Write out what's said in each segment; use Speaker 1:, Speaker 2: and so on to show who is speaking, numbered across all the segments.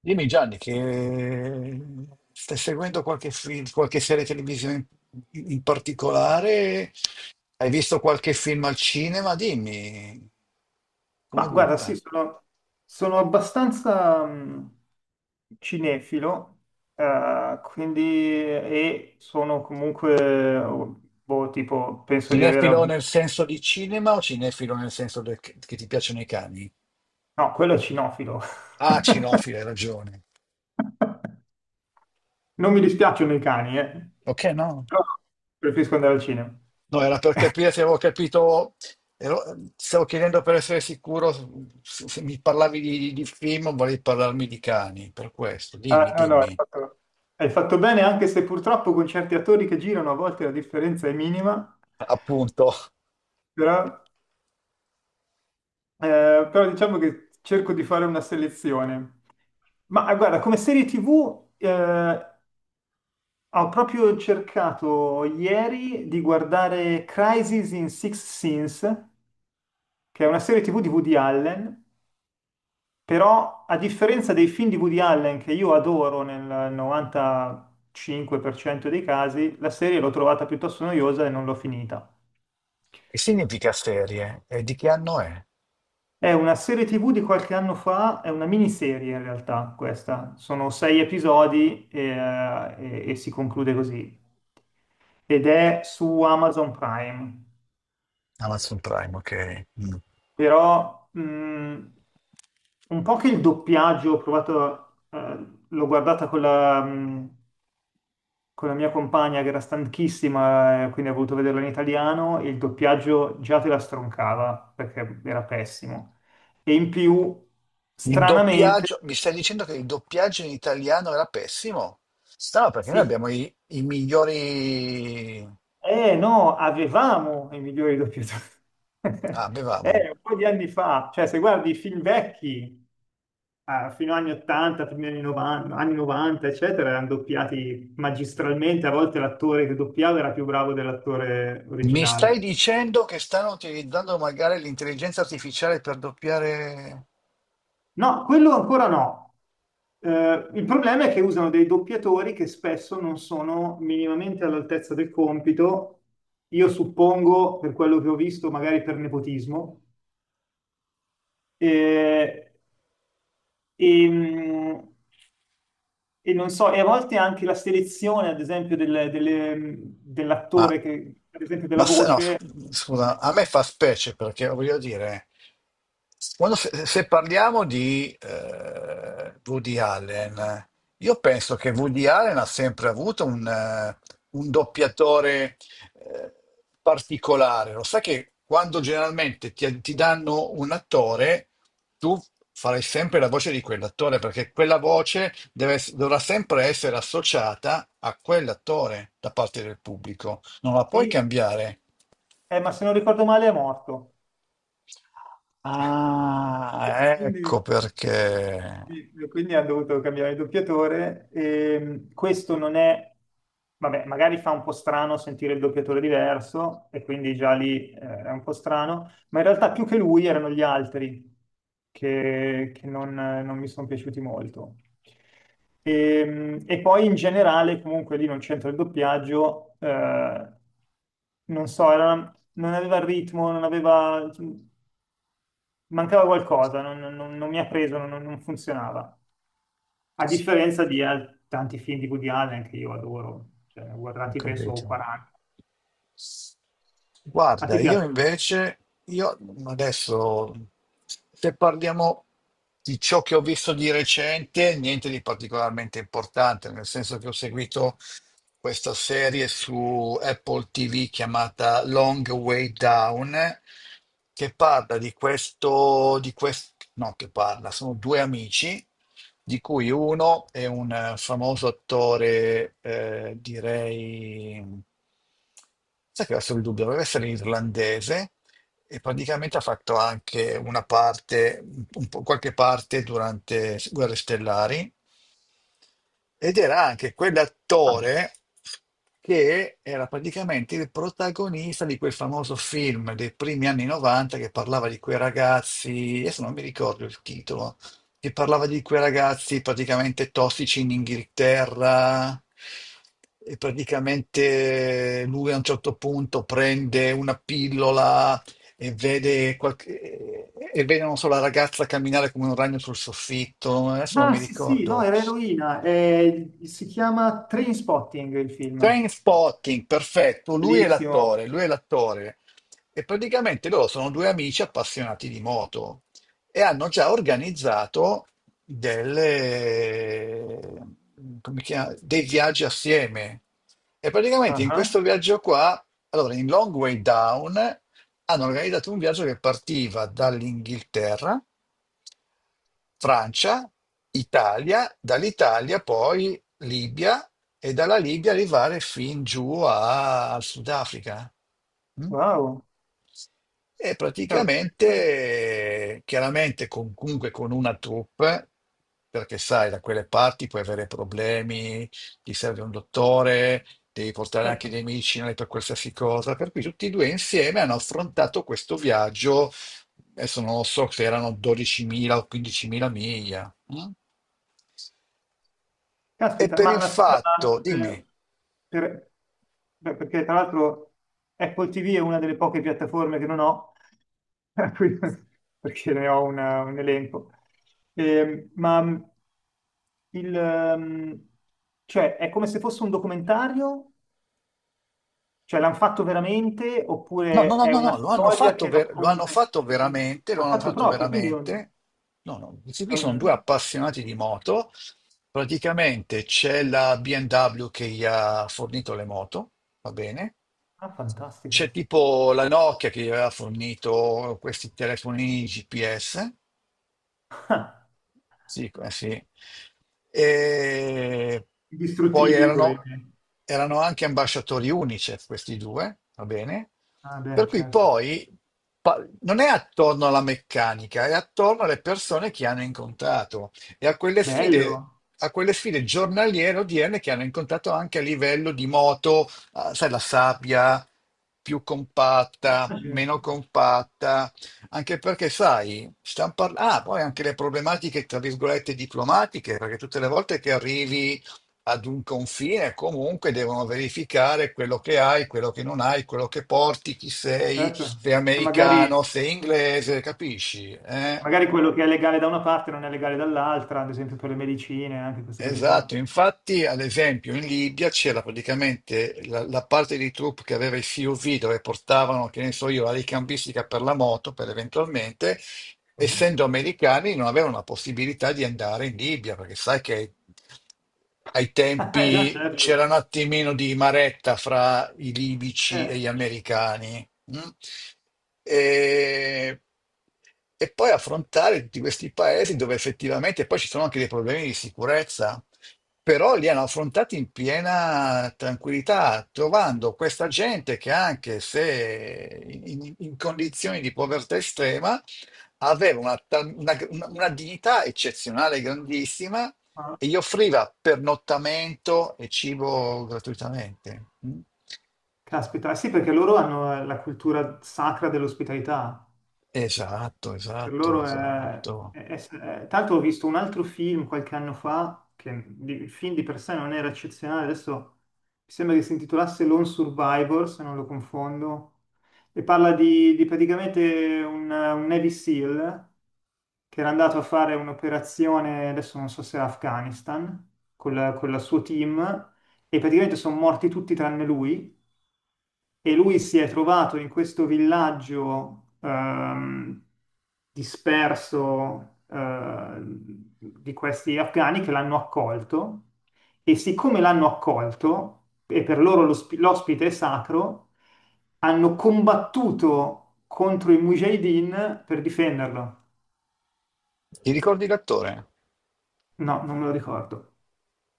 Speaker 1: Dimmi Gianni, che stai seguendo qualche film, qualche serie televisiva in particolare? Hai visto qualche film al cinema? Dimmi,
Speaker 2: Ma
Speaker 1: come
Speaker 2: guarda, sì,
Speaker 1: butta?
Speaker 2: sono abbastanza cinefilo, quindi e sono comunque, boh, tipo, penso di aver...
Speaker 1: Cinefilo
Speaker 2: av-
Speaker 1: nel senso di cinema o cinefilo che ti piacciono i cani?
Speaker 2: No, quello è cinofilo.
Speaker 1: Ah, cinofilo, hai ragione.
Speaker 2: Non mi dispiacciono i cani, eh.
Speaker 1: Ok, no?
Speaker 2: Però preferisco andare al cinema.
Speaker 1: No, era per capire se avevo capito, ero- stavo chiedendo per essere sicuro se mi parlavi di film o volevi parlarmi di cani, per questo.
Speaker 2: Ah,
Speaker 1: Dimmi,
Speaker 2: no, no, hai
Speaker 1: dimmi.
Speaker 2: fatto, hai fatto bene, anche se purtroppo con certi attori che girano a volte la differenza è minima,
Speaker 1: Appunto,
Speaker 2: però, diciamo che cerco di fare una selezione. Ma guarda, come serie TV ho proprio cercato ieri di guardare Crisis in Six Sins, che è una serie TV di Woody Allen, però a differenza dei film di Woody Allen che io adoro nel 95% dei casi, la serie l'ho trovata piuttosto noiosa e non l'ho finita.
Speaker 1: che significa serie? E di che anno è?
Speaker 2: È una serie TV di qualche anno fa, è una miniserie in realtà questa, sono sei episodi e si conclude così. Ed è su Amazon Prime,
Speaker 1: Amazon Prime, ok. Mm.
Speaker 2: però un po' che il doppiaggio ho provato, l'ho guardata con con la mia compagna che era stanchissima, quindi ha voluto vederla in italiano e il doppiaggio già te la stroncava perché era pessimo. E in più,
Speaker 1: Il
Speaker 2: stranamente,
Speaker 1: doppiaggio, mi stai dicendo che il doppiaggio in italiano era pessimo? No, perché noi
Speaker 2: sì,
Speaker 1: abbiamo i migliori...
Speaker 2: eh no, avevamo i migliori doppiatori.
Speaker 1: Ah, avevamo.
Speaker 2: Un po' di anni fa, cioè se guardi i film vecchi, fino agli anni 80, primi anni 90, anni 90, eccetera, erano doppiati magistralmente, a volte l'attore che doppiava era più bravo dell'attore
Speaker 1: Mi stai
Speaker 2: originale.
Speaker 1: dicendo che stanno utilizzando magari l'intelligenza artificiale per doppiare...
Speaker 2: No, quello ancora no. Il problema è che usano dei doppiatori che spesso non sono minimamente all'altezza del compito, io suppongo, per quello che ho visto, magari per nepotismo. E E, mh, e non so, e a volte anche la selezione, ad esempio,
Speaker 1: Ma,
Speaker 2: dell'attore, che, ad esempio della
Speaker 1: ma se no,
Speaker 2: voce,
Speaker 1: scusa, a me fa specie perché voglio dire, quando se parliamo di Woody Allen, io penso che Woody Allen ha sempre avuto un doppiatore eh, particolare. Lo sai che quando generalmente ti danno un attore, tu farai sempre la voce di quell'attore perché quella voce dovrà sempre essere associata a quell'attore da parte del pubblico. Non la puoi
Speaker 2: sì,
Speaker 1: cambiare.
Speaker 2: ma se non ricordo male è morto.
Speaker 1: Ah, ecco
Speaker 2: Quindi
Speaker 1: perché.
Speaker 2: Quindi hanno dovuto cambiare il doppiatore. E questo non è, vabbè, magari fa un po' strano sentire il doppiatore diverso, e quindi già lì è un po' strano, ma in realtà più che lui erano gli altri che non mi sono piaciuti molto. E poi in generale, comunque lì non c'entra il doppiaggio, non so, non aveva il ritmo, non aveva, cioè, mancava qualcosa, non mi ha preso, non funzionava. A differenza di tanti film di Woody Allen che io adoro, cioè, ne ho
Speaker 1: Ho
Speaker 2: guardati penso
Speaker 1: capito.
Speaker 2: 40. A
Speaker 1: Guarda,
Speaker 2: te
Speaker 1: io
Speaker 2: piace?
Speaker 1: invece, io adesso, se parliamo di ciò che ho visto di recente, niente di particolarmente importante, nel senso che ho seguito questa serie su Apple TV chiamata Long Way Down, che parla di questo, no, che parla, sono due amici di cui uno è un famoso attore, direi, sai che adesso il dubbio, deve essere irlandese e praticamente ha fatto anche una parte, un po', qualche parte durante Guerre Stellari ed era anche
Speaker 2: Ah,
Speaker 1: quell'attore che era praticamente il protagonista di quel famoso film dei primi anni 90 che parlava di quei ragazzi, adesso non mi ricordo il titolo, che parlava di quei ragazzi praticamente tossici in Inghilterra. E praticamente lui a un certo punto prende una pillola e vede, e vede, non so, la ragazza camminare come un ragno sul soffitto. Adesso non
Speaker 2: ah,
Speaker 1: mi
Speaker 2: sì, sì, no,
Speaker 1: ricordo.
Speaker 2: era eroina. Si chiama Trainspotting il film.
Speaker 1: Train Spotting, perfetto, lui è l'attore,
Speaker 2: Bellissimo.
Speaker 1: lui è l'attore. E praticamente loro sono due amici appassionati di moto e hanno già organizzato delle, dei viaggi assieme. E praticamente in
Speaker 2: Ah,
Speaker 1: questo viaggio qua, allora in Long Way Down, hanno organizzato un viaggio che partiva dall'Inghilterra, Francia, Italia, dall'Italia poi Libia e dalla Libia arrivare fin giù al Sudafrica. Mm?
Speaker 2: wow.
Speaker 1: E
Speaker 2: Cavolo.
Speaker 1: praticamente,
Speaker 2: Ah,
Speaker 1: chiaramente, comunque con una troupe, perché sai, da quelle parti puoi avere problemi, ti serve un dottore, devi portare anche
Speaker 2: certo.
Speaker 1: dei medicinali per qualsiasi cosa. Per cui tutti e due insieme hanno affrontato questo viaggio, adesso non lo so se erano 12.000 o 15.000 miglia. Mm? E
Speaker 2: Caspita,
Speaker 1: per
Speaker 2: ma
Speaker 1: il
Speaker 2: ma scusa,
Speaker 1: fatto,
Speaker 2: ma
Speaker 1: dimmi.
Speaker 2: per- beh, perché tra l'altro Apple TV è una delle poche piattaforme che non ho, per cui- perché ne ho un elenco. Ma Il, ehm, cioè, è come se fosse un documentario? Cioè, l'hanno fatto veramente?
Speaker 1: No, no,
Speaker 2: Oppure
Speaker 1: no,
Speaker 2: è
Speaker 1: no,
Speaker 2: una
Speaker 1: no,
Speaker 2: storia che
Speaker 1: lo hanno
Speaker 2: racconta?
Speaker 1: fatto veramente, lo
Speaker 2: L'hanno
Speaker 1: hanno
Speaker 2: fatto
Speaker 1: fatto
Speaker 2: proprio, quindi
Speaker 1: veramente. No, no, questi
Speaker 2: è
Speaker 1: qui sono due
Speaker 2: un-
Speaker 1: appassionati di moto. Praticamente c'è la BMW che gli ha fornito le moto, va bene?
Speaker 2: Ah,
Speaker 1: C'è
Speaker 2: fantastico.
Speaker 1: tipo la Nokia che gli aveva fornito questi telefonini GPS.
Speaker 2: Ah,
Speaker 1: Sì, eh sì. E poi
Speaker 2: indistruttibili,
Speaker 1: erano,
Speaker 2: probabilmente.
Speaker 1: erano anche ambasciatori UNICEF questi due, va bene?
Speaker 2: Ah, beh,
Speaker 1: Per cui
Speaker 2: certo.
Speaker 1: poi non è attorno alla meccanica, è attorno alle persone che hanno incontrato e
Speaker 2: Bello.
Speaker 1: a quelle sfide giornaliere odierne che hanno incontrato anche a livello di moto, ah, sai, la sabbia più compatta, meno compatta, anche perché, sai, stiamo parlando, ah, poi anche le problematiche, tra virgolette, diplomatiche, perché tutte le volte che arrivi ad un confine, comunque devono verificare quello che hai, quello che non hai, quello che porti, chi sei,
Speaker 2: Certo.
Speaker 1: sei
Speaker 2: Che magari,
Speaker 1: americano, sei inglese, capisci? Eh?
Speaker 2: magari quello che è legale da una parte non è legale dall'altra, ad esempio per le medicine, anche queste cose
Speaker 1: Esatto,
Speaker 2: qua.
Speaker 1: infatti, ad esempio, in Libia c'era praticamente la parte di troupe che aveva i CUV dove portavano, che ne so io, la ricambistica per la moto, per eventualmente.
Speaker 2: Ah,
Speaker 1: Essendo americani, non avevano la possibilità di andare in Libia, perché sai che ai
Speaker 2: già,
Speaker 1: tempi
Speaker 2: certo.
Speaker 1: c'era un attimino di maretta fra i libici e
Speaker 2: Eh.
Speaker 1: gli americani. Mm? E, e poi affrontare tutti questi paesi dove effettivamente poi ci sono anche dei problemi di sicurezza, però li hanno affrontati in piena tranquillità, trovando questa gente che anche se in condizioni di povertà estrema, aveva una, una dignità eccezionale, grandissima,
Speaker 2: Ah,
Speaker 1: e gli offriva pernottamento e cibo gratuitamente. Mm?
Speaker 2: caspita, eh sì, perché loro hanno la cultura sacra dell'ospitalità.
Speaker 1: Esatto,
Speaker 2: Per
Speaker 1: esatto,
Speaker 2: loro è,
Speaker 1: esatto.
Speaker 2: è- è- è- Tanto ho visto un altro film qualche anno fa, il film di per sé non era eccezionale, adesso mi sembra che si intitolasse Lone Survivor, se non lo confondo, e parla di praticamente un Navy SEAL che era andato a fare un'operazione, adesso non so se era Afghanistan, con il suo team, e praticamente sono morti tutti tranne lui e lui si è trovato in questo villaggio disperso di questi afghani che l'hanno accolto e siccome l'hanno accolto e per loro l'ospite è sacro, hanno combattuto contro i mujahideen per difenderlo.
Speaker 1: Ti ricordi l'attore?
Speaker 2: No, non me lo ricordo.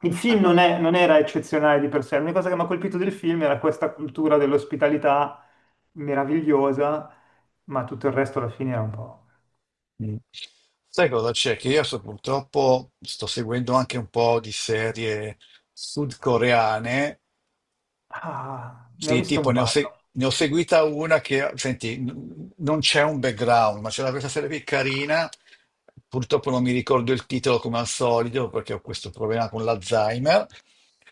Speaker 2: Il film
Speaker 1: Ah.
Speaker 2: non era eccezionale di per sé, l'unica cosa che mi ha colpito del film era questa cultura dell'ospitalità meravigliosa, ma tutto il resto alla fine era un po'.
Speaker 1: Mm. Sai cosa c'è? Che io so, purtroppo sto seguendo anche un po' di serie sudcoreane.
Speaker 2: Ah, ne ho
Speaker 1: Sì,
Speaker 2: visto
Speaker 1: tipo
Speaker 2: un
Speaker 1: ne ho,
Speaker 2: paio.
Speaker 1: ne ho seguita una che, senti, non c'è un background, ma c'era questa serie qui carina, purtroppo non mi ricordo il titolo come al solito perché ho questo problema con l'Alzheimer,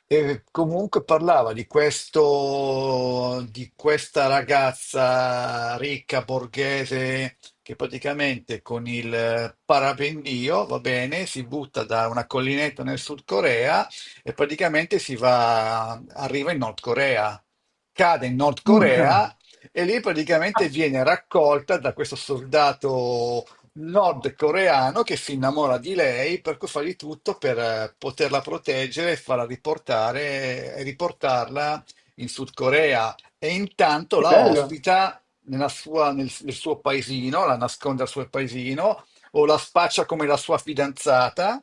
Speaker 1: e comunque parlava di questo, di questa ragazza ricca borghese che praticamente con il parapendio, va bene, si butta da una collinetta nel Sud Corea e arriva in Nord Corea, cade in Nord
Speaker 2: Urca!
Speaker 1: Corea e lì praticamente
Speaker 2: Ah,
Speaker 1: viene raccolta da questo soldato nordcoreano che si innamora di lei, per cui fa di tutto per poterla proteggere e farla riportare e riportarla in Sud Corea e intanto
Speaker 2: che
Speaker 1: la
Speaker 2: bello!
Speaker 1: ospita nel suo paesino, la nasconde al suo paesino o la spaccia come la sua fidanzata.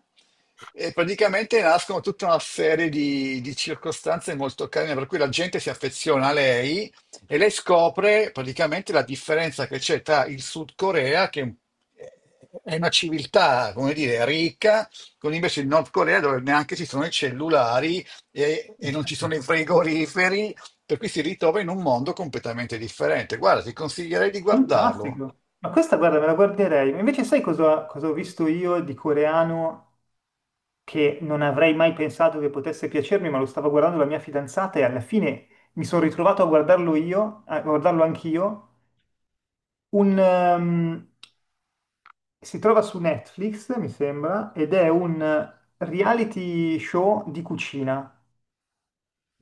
Speaker 1: E praticamente nascono tutta una serie di circostanze molto carine, per cui la gente si affeziona a lei e lei scopre praticamente la differenza che c'è tra il Sud Corea, che è una civiltà, come dire, ricca, con invece il Nord Corea dove neanche ci sono i cellulari e,
Speaker 2: E
Speaker 1: e non ci
Speaker 2: certo.
Speaker 1: sono i frigoriferi, per cui si ritrova in un mondo completamente differente. Guarda, ti consiglierei di guardarlo.
Speaker 2: Fantastico! Ma questa, guarda, me la guarderei. Ma invece sai cosa ho visto io di coreano che non avrei mai pensato che potesse piacermi, ma lo stava guardando la mia fidanzata e alla fine mi sono ritrovato a guardarlo io, a guardarlo anch'io. un, ehm, si trova su Netflix, mi sembra, ed è un reality show di cucina.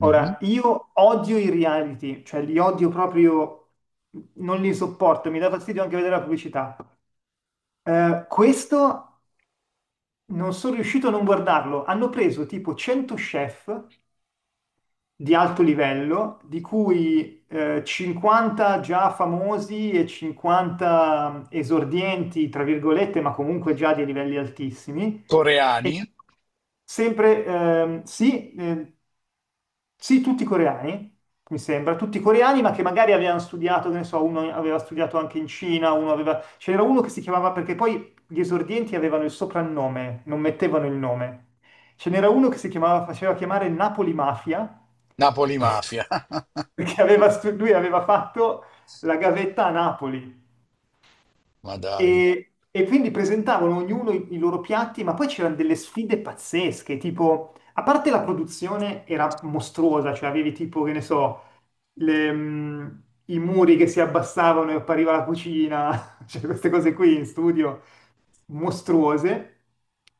Speaker 1: Mhm.
Speaker 2: io odio i reality, cioè li odio proprio, non li sopporto, mi dà fastidio anche vedere la pubblicità. Questo non sono riuscito a non guardarlo. Hanno preso tipo 100 chef di alto livello, di cui 50 già famosi e 50 esordienti, tra virgolette, ma comunque già di livelli altissimi. E
Speaker 1: Coreani,
Speaker 2: sì, sì, tutti coreani, mi sembra, tutti coreani, ma che magari avevano studiato, che ne so, uno aveva studiato anche in Cina, uno aveva. C'era uno che si chiamava, perché poi gli esordienti avevano il soprannome, non mettevano il nome. Ce n'era uno che si chiamava, faceva chiamare Napoli Mafia,
Speaker 1: Napoli Mafia.
Speaker 2: perché lui aveva fatto la gavetta a Napoli
Speaker 1: Ma dai.
Speaker 2: e quindi presentavano ognuno i loro piatti, ma poi c'erano delle sfide pazzesche, tipo, a parte la produzione era mostruosa, cioè avevi tipo, che ne so, le, mm, i muri che si abbassavano e appariva la cucina, cioè queste cose qui in studio mostruose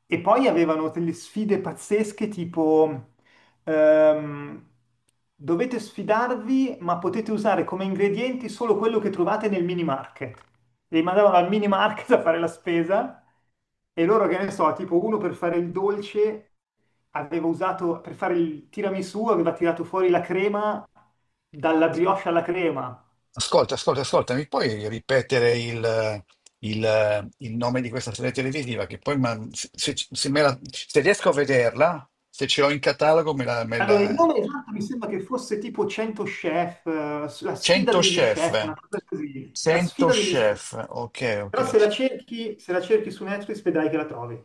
Speaker 2: e poi avevano delle sfide pazzesche tipo ehm, dovete sfidarvi ma potete usare come ingredienti solo quello che trovate nel mini market. E li mandavano al mini market a fare la spesa e loro che ne so, tipo uno per fare il dolce aveva usato per fare il tiramisù, aveva tirato fuori la crema dalla brioche alla crema.
Speaker 1: Ascolta, ascolta, ascolta, mi puoi ripetere il nome di questa serie televisiva? Che poi se me la... se riesco a vederla, se ce l'ho in catalogo, me
Speaker 2: Allora, il
Speaker 1: la...
Speaker 2: nome esatto mi sembra che fosse tipo 100 chef, la sfida
Speaker 1: 100
Speaker 2: degli
Speaker 1: Chef.
Speaker 2: chef, una cosa così, la
Speaker 1: 100
Speaker 2: sfida degli chef.
Speaker 1: Chef, ok, ok.
Speaker 2: Però se la cerchi su Netflix vedrai che la trovi.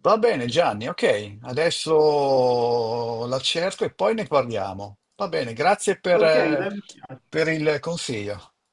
Speaker 1: Va bene Gianni, ok, adesso la cerco e poi ne parliamo. Va bene, grazie
Speaker 2: Ok, dai un'occhiata.
Speaker 1: per il consiglio.